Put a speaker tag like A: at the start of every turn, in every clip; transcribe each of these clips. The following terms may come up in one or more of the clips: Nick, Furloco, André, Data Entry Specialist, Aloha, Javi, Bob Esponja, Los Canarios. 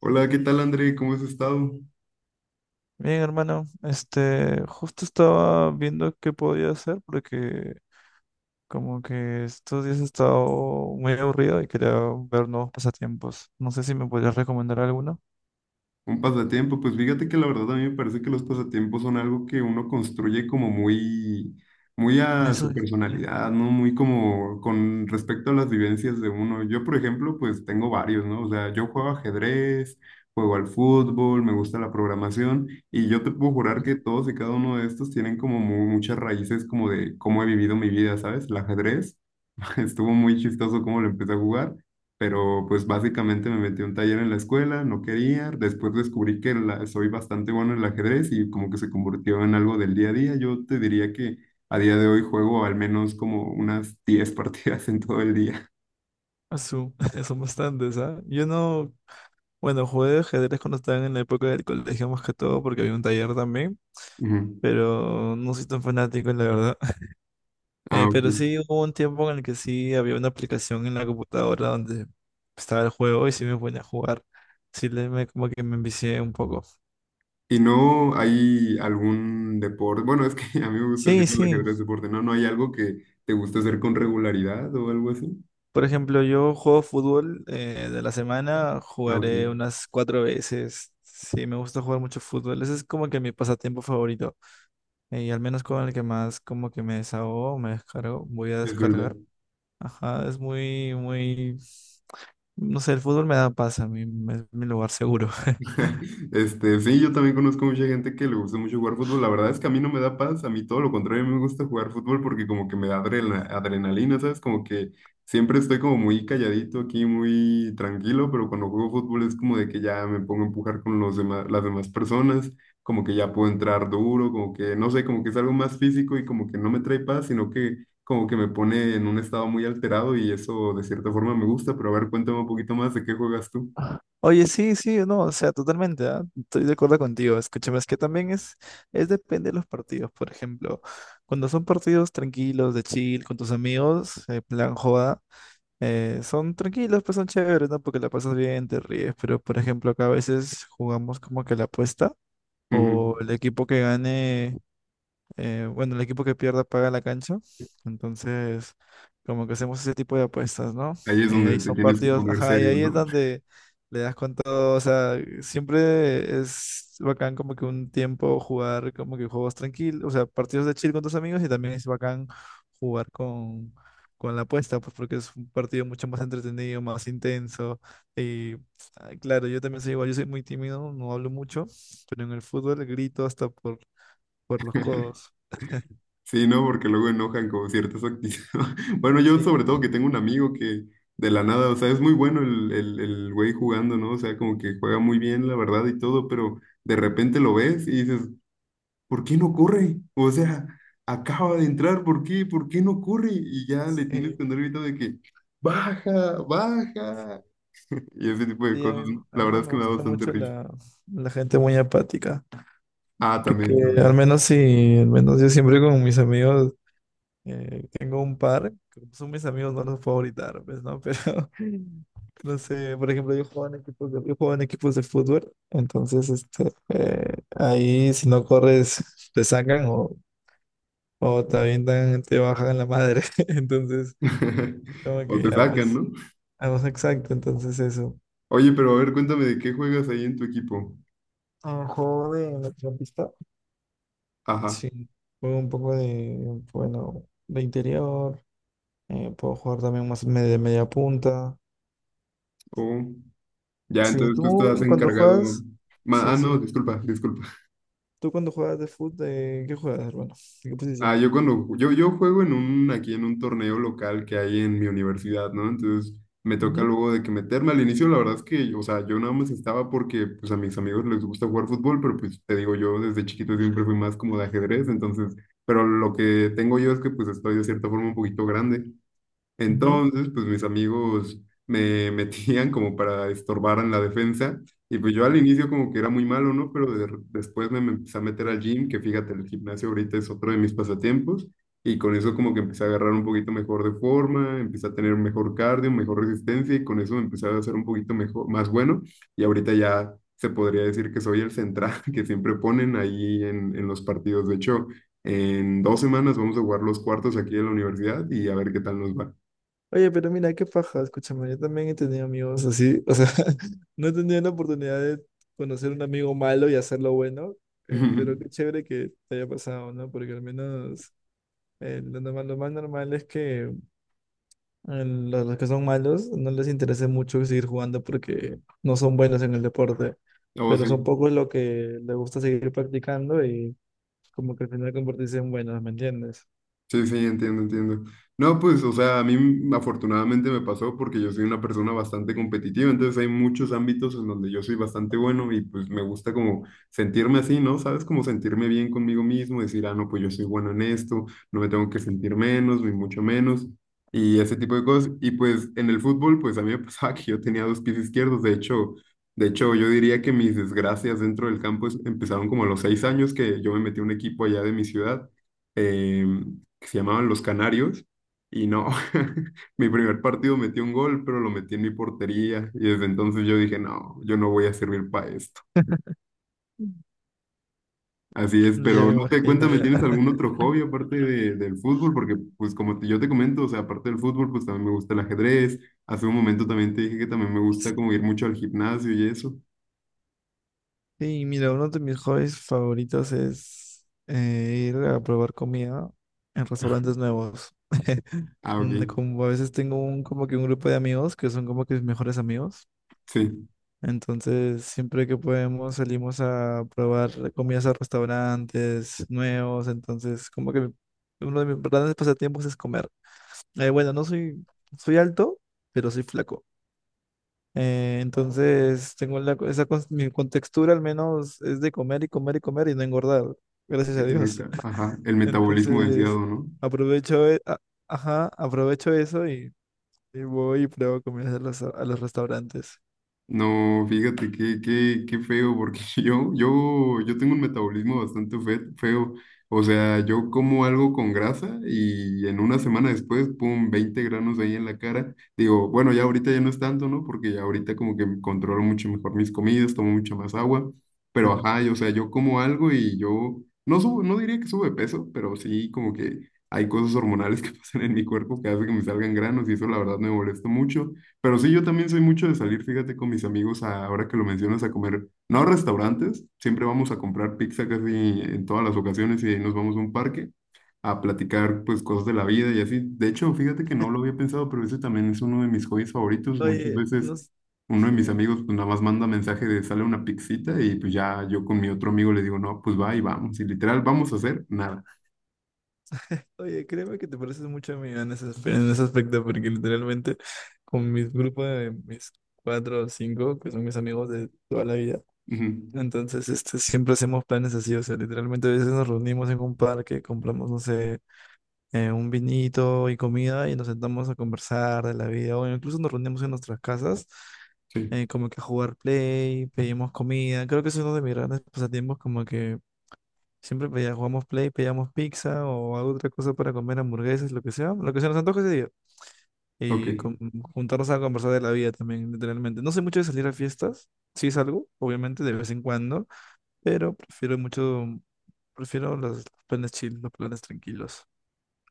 A: Hola, ¿qué tal André? ¿Cómo has estado?
B: Bien, hermano, justo estaba viendo qué podía hacer porque como que estos días he estado muy aburrido y quería ver nuevos pasatiempos. No sé si me podrías recomendar alguno.
A: Un pasatiempo, pues fíjate que la verdad a mí me parece que los pasatiempos son algo que uno construye como muy, muy a
B: Eso,
A: su personalidad, ¿no? Muy como con respecto a las vivencias de uno. Yo, por ejemplo, pues tengo varios, ¿no? O sea, yo juego ajedrez, juego al fútbol, me gusta la programación y yo te puedo jurar que todos y cada uno de estos tienen como muchas raíces como de cómo he vivido mi vida, ¿sabes? El ajedrez. Estuvo muy chistoso cómo lo empecé a jugar, pero pues básicamente me metí a un taller en la escuela, no quería, después descubrí que soy bastante bueno en el ajedrez y como que se convirtió en algo del día a día. Yo te diría que a día de hoy juego al menos como unas 10 partidas en todo el día.
B: eso, son bastantes, ¿ah? Yo no, bueno, jugué ajedrez cuando estaba en la época del colegio más que todo porque había un taller también,
A: Ujú.
B: pero no soy tan fanático, la verdad.
A: Ah,
B: Eh,
A: ok.
B: pero sí hubo un tiempo en el que sí había una aplicación en la computadora donde estaba el juego y sí me ponía a jugar. Sí, como que me envicié un poco.
A: ¿Y no hay algún deporte? Bueno, es que a mí me gusta decir
B: Sí,
A: el
B: sí.
A: ajedrez deporte, ¿no? ¿No hay algo que te gusta hacer con regularidad o algo así?
B: Por ejemplo, yo juego fútbol de la semana,
A: Ah, ok,
B: jugaré unas cuatro veces. Sí, me gusta jugar mucho fútbol. Ese es como que mi pasatiempo favorito. Y al menos con el que más como que me desahogo, me descargo, voy a
A: es verdad.
B: descargar. Ajá, es muy, muy. No sé, el fútbol me da paz a mí, es mi lugar seguro.
A: Este, sí, yo también conozco mucha gente que le gusta mucho jugar fútbol. La verdad es que a mí no me da paz, a mí todo lo contrario, me gusta jugar fútbol porque como que me da adrenalina, ¿sabes? Como que siempre estoy como muy calladito aquí, muy tranquilo, pero cuando juego fútbol es como de que ya me pongo a empujar con los demás, las demás personas, como que ya puedo entrar duro, como que no sé, como que es algo más físico y como que no me trae paz, sino que como que me pone en un estado muy alterado y eso de cierta forma me gusta, pero a ver, cuéntame un poquito más de qué juegas tú.
B: Oye, sí, sí, no, o sea, totalmente, ¿ah? Estoy de acuerdo contigo. Escúchame, es que también es depende de los partidos. Por ejemplo, cuando son partidos tranquilos, de chill, con tus amigos, plan joda, son tranquilos, pues son chéveres, ¿no? Porque la pasas bien, te ríes. Pero, por ejemplo, acá a veces jugamos como que la apuesta o el equipo que gane bueno, el equipo que pierda paga la cancha. Entonces, como que hacemos ese tipo de apuestas, ¿no?
A: Ahí es
B: Y
A: donde
B: ahí
A: te
B: son
A: tienes que
B: partidos,
A: poner
B: ajá, y
A: serio,
B: ahí es
A: ¿no?
B: donde le das con todo, o sea, siempre es bacán como que un tiempo jugar como que juegos tranquilos, o sea, partidos de chill con tus amigos y también es bacán jugar con la apuesta, pues porque es un partido mucho más entretenido, más intenso. Y ah, claro, yo también soy igual, yo soy muy tímido, no hablo mucho, pero en el fútbol grito hasta por los codos.
A: Sí, ¿no? Porque luego enojan con ciertas actitudes. Bueno, yo
B: Sí,
A: sobre todo que tengo un amigo que de la nada, o sea, es muy bueno el güey jugando, ¿no? O sea, como que juega muy bien, la verdad, y todo, pero de repente lo ves y dices, ¿por qué no corre? O sea, acaba de entrar, ¿por qué? ¿Por qué no corre? Y ya le tienes
B: sí,
A: que andar gritando de que, baja, baja. Y ese tipo de
B: sí, a
A: cosas,
B: mí,
A: ¿no?
B: a
A: La
B: mí no
A: verdad es
B: me
A: que me da
B: gusta
A: bastante
B: mucho
A: risa.
B: la gente muy apática,
A: Ah,
B: porque
A: también,
B: al
A: también.
B: menos sí, al menos yo siempre con mis amigos tengo un par, que son mis amigos, no los puedo gritar, pues, ¿no? Pero, no sé, por ejemplo, yo juego en equipos de, yo juego en equipos de fútbol, entonces ahí si no corres te sacan o también te avientan, te bajan la madre, entonces como
A: O
B: que
A: te
B: ya,
A: sacan,
B: pues,
A: ¿no?
B: ah, no, exacto, entonces eso.
A: Oye, pero a ver, cuéntame de qué juegas ahí en tu equipo.
B: Un juego de mediocampista.
A: Ajá.
B: Sí, juego un poco de, bueno, de interior. Puedo jugar también más de media punta.
A: Oh, ya,
B: Sí,
A: entonces tú estás
B: tú cuando
A: encargado.
B: juegas, sí,
A: Ah, no,
B: sí.
A: disculpa, disculpa.
B: Tú cuando juegas de fútbol, ¿de qué juegas, hermano? ¿De qué
A: Ah,
B: posición?
A: yo cuando yo juego en un, aquí en un torneo local que hay en mi universidad, ¿no? Entonces me toca
B: Ujú,
A: luego de que meterme. Al inicio, la verdad es que, o sea, yo nada más estaba porque pues a mis amigos les gusta jugar fútbol, pero pues te digo, yo desde chiquito siempre fui más como de ajedrez, entonces, pero lo que tengo yo es que pues estoy de cierta forma un poquito grande.
B: ujú.
A: Entonces, pues mis amigos me metían como para estorbar en la defensa y pues yo al inicio como que era muy malo, ¿no? Pero después me, me empecé a meter al gym, que fíjate, el gimnasio ahorita es otro de mis pasatiempos y con eso como que empecé a agarrar un poquito mejor de forma, empecé a tener un mejor cardio, mejor resistencia y con eso me empecé a hacer un poquito mejor, más bueno y ahorita ya se podría decir que soy el central que siempre ponen ahí en los partidos. De hecho, en 2 semanas vamos a jugar los cuartos aquí en la universidad y a ver qué tal nos va.
B: Oye, pero mira, qué paja, escúchame, yo también he tenido amigos así, o sea, no he tenido la oportunidad de conocer un amigo malo y hacerlo bueno, pero qué chévere que te haya pasado, ¿no? Porque al menos lo normal, lo más normal es que Los que son malos no les interesa mucho seguir jugando porque no son buenos en el deporte,
A: Oh,
B: pero son
A: sí.
B: pocos los que les gusta seguir practicando y como que al final convertirse en buenos, ¿me entiendes?
A: Sí, sí, entiendo, entiendo. No, pues, o sea, a mí afortunadamente me pasó porque yo soy una persona bastante competitiva, entonces hay muchos ámbitos en donde yo soy bastante bueno y pues me gusta como sentirme así, ¿no? ¿Sabes? Como sentirme bien conmigo mismo, decir, ah, no, pues yo soy bueno en esto, no me tengo que sentir menos, ni mucho menos, y ese tipo de cosas. Y pues en el fútbol, pues a mí me pasaba que yo tenía dos pies izquierdos, de hecho, yo diría que mis desgracias dentro del campo empezaron como a los 6 años que yo me metí a un equipo allá de mi ciudad. em, que se llamaban Los Canarios, y no, mi primer partido metí un gol, pero lo metí en mi portería, y desde entonces yo dije, no, yo no voy a servir para esto. Así es,
B: Ya
A: pero
B: me
A: no te
B: imagino.
A: cuéntame,
B: Ya.
A: ¿tienes algún otro hobby aparte del fútbol? Porque, pues, como yo te comento, o sea, aparte del fútbol, pues también me gusta el ajedrez. Hace un momento también te dije que también me gusta como ir mucho al gimnasio y eso.
B: Sí, mira, uno de mis hobbies favoritos es ir a probar comida en restaurantes nuevos.
A: Ah, ok,
B: Como a veces tengo como que un grupo de amigos que son como que mis mejores amigos.
A: sí,
B: Entonces, siempre que podemos salimos a probar comidas a restaurantes nuevos. Entonces, como que uno de mis grandes pasatiempos es comer. Bueno, no soy, soy alto, pero soy flaco. Entonces, tengo la, co- esa, cons- mi contextura al menos es de comer y comer y comer y no engordar. Gracias a Dios.
A: ajá, el metabolismo
B: Entonces,
A: deseado, ¿no?
B: aprovecho, e- a- ajá, aprovecho eso y voy y pruebo comidas a los restaurantes.
A: No, fíjate qué, feo, porque yo, tengo un metabolismo bastante feo. O sea, yo como algo con grasa y en una semana después, pum, 20 granos ahí en la cara. Digo, bueno, ya ahorita ya no es tanto, ¿no? Porque ya ahorita como que controlo mucho mejor mis comidas, tomo mucha más agua. Pero ajá, y, o sea, yo como algo y yo no subo, no diría que sube peso, pero sí como que hay cosas hormonales que pasan en mi cuerpo que hacen que me salgan granos y eso la verdad me molesta mucho. Pero sí, yo también soy mucho de salir, fíjate, con mis amigos, ahora que lo mencionas, a comer, no a restaurantes, siempre vamos a comprar pizza casi en todas las ocasiones y nos vamos a un parque a platicar pues cosas de la vida y así. De hecho, fíjate que no lo había pensado, pero ese también es uno de mis hobbies favoritos. Muchas
B: Oye,
A: veces
B: no s-
A: uno de mis
B: sí.
A: amigos pues nada más manda mensaje de sale una pizzita y pues ya yo con mi otro amigo le digo, no, pues va y vamos. Y literal, vamos a hacer nada.
B: Oye, créeme que te pareces mucho a mí en en ese aspecto, porque literalmente con mi grupo de mis cuatro o cinco, que son mis amigos de toda la vida,
A: Ujú,
B: entonces siempre hacemos planes así, o sea, literalmente a veces nos reunimos en un parque, compramos, no sé, un vinito y comida y nos sentamos a conversar de la vida, o incluso nos reunimos en nuestras casas,
A: sí,
B: como que a jugar play, pedimos comida, creo que eso es uno de mis grandes pasatiempos, como que jugamos Play, pedíamos pizza o alguna otra cosa para comer hamburguesas, lo que sea, lo que se nos antoje ese día.
A: ok.
B: Y juntarnos a conversar de la vida también, literalmente. No soy mucho de salir a fiestas, sí salgo, obviamente, de vez en cuando, pero prefiero los planes chill, los planes tranquilos.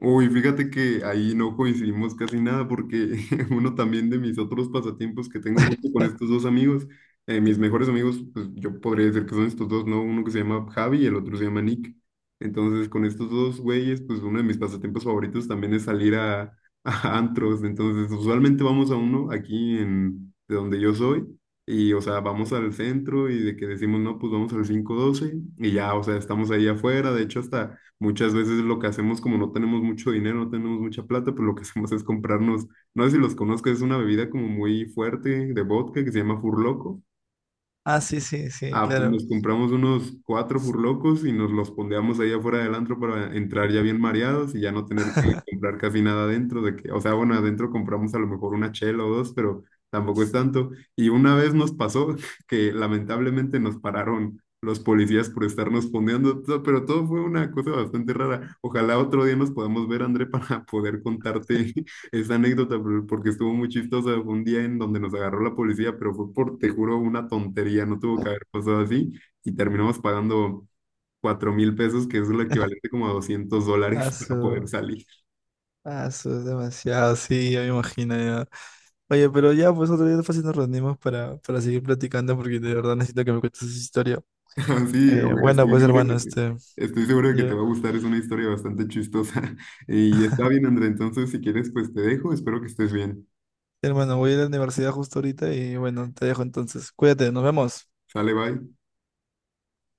A: Uy, fíjate que ahí no coincidimos casi nada porque uno también de mis otros pasatiempos que tengo justo con estos dos amigos, mis mejores amigos, pues yo podría decir que son estos dos, ¿no? Uno que se llama Javi y el otro se llama Nick. Entonces, con estos dos güeyes, pues uno de mis pasatiempos favoritos también es salir a, a antros. Entonces, usualmente vamos a uno aquí en, de donde yo soy. Y, o sea, vamos al centro y de que decimos, no, pues vamos al cinco doce y ya, o sea, estamos ahí afuera. De hecho, hasta... Muchas veces lo que hacemos, como no tenemos mucho dinero, no tenemos mucha plata, pues lo que hacemos es comprarnos, no sé si los conozcas, es una bebida como muy fuerte de vodka que se llama Furloco.
B: Ah, sí, sí, sí,
A: Ah, pues
B: claro.
A: nos compramos unos cuatro furlocos y nos los pondeamos ahí afuera del antro para entrar ya bien mareados y ya no tener que comprar casi nada adentro de que, o sea, bueno, adentro compramos a lo mejor una chela o dos, pero tampoco es tanto. Y una vez nos pasó que lamentablemente nos pararon los policías por estarnos pondeando, pero todo fue una cosa bastante rara. Ojalá otro día nos podamos ver, André, para poder contarte esa anécdota, porque estuvo muy chistosa, fue un día en donde nos agarró la policía, pero fue por, te juro, una tontería, no tuvo que haber pasado así, y terminamos pagando 4.000 pesos, que es lo equivalente como a 200
B: Ah,
A: dólares para poder
B: su,
A: salir.
B: ah, su, es demasiado, sí, ya me imagino ya. Oye, pero ya, pues otro día fácil nos reunimos para seguir platicando porque de verdad necesito que me cuentes esa historia.
A: Así,
B: Bueno,
A: estoy
B: pues
A: seguro que,
B: hermano,
A: estoy seguro de que te
B: Ya.
A: va a gustar, es una historia bastante chistosa. Y está bien, André, entonces si quieres, pues te dejo, espero que estés bien.
B: Hermano, voy a ir a la universidad justo ahorita y bueno, te dejo entonces. Cuídate, nos vemos.
A: Sale, bye.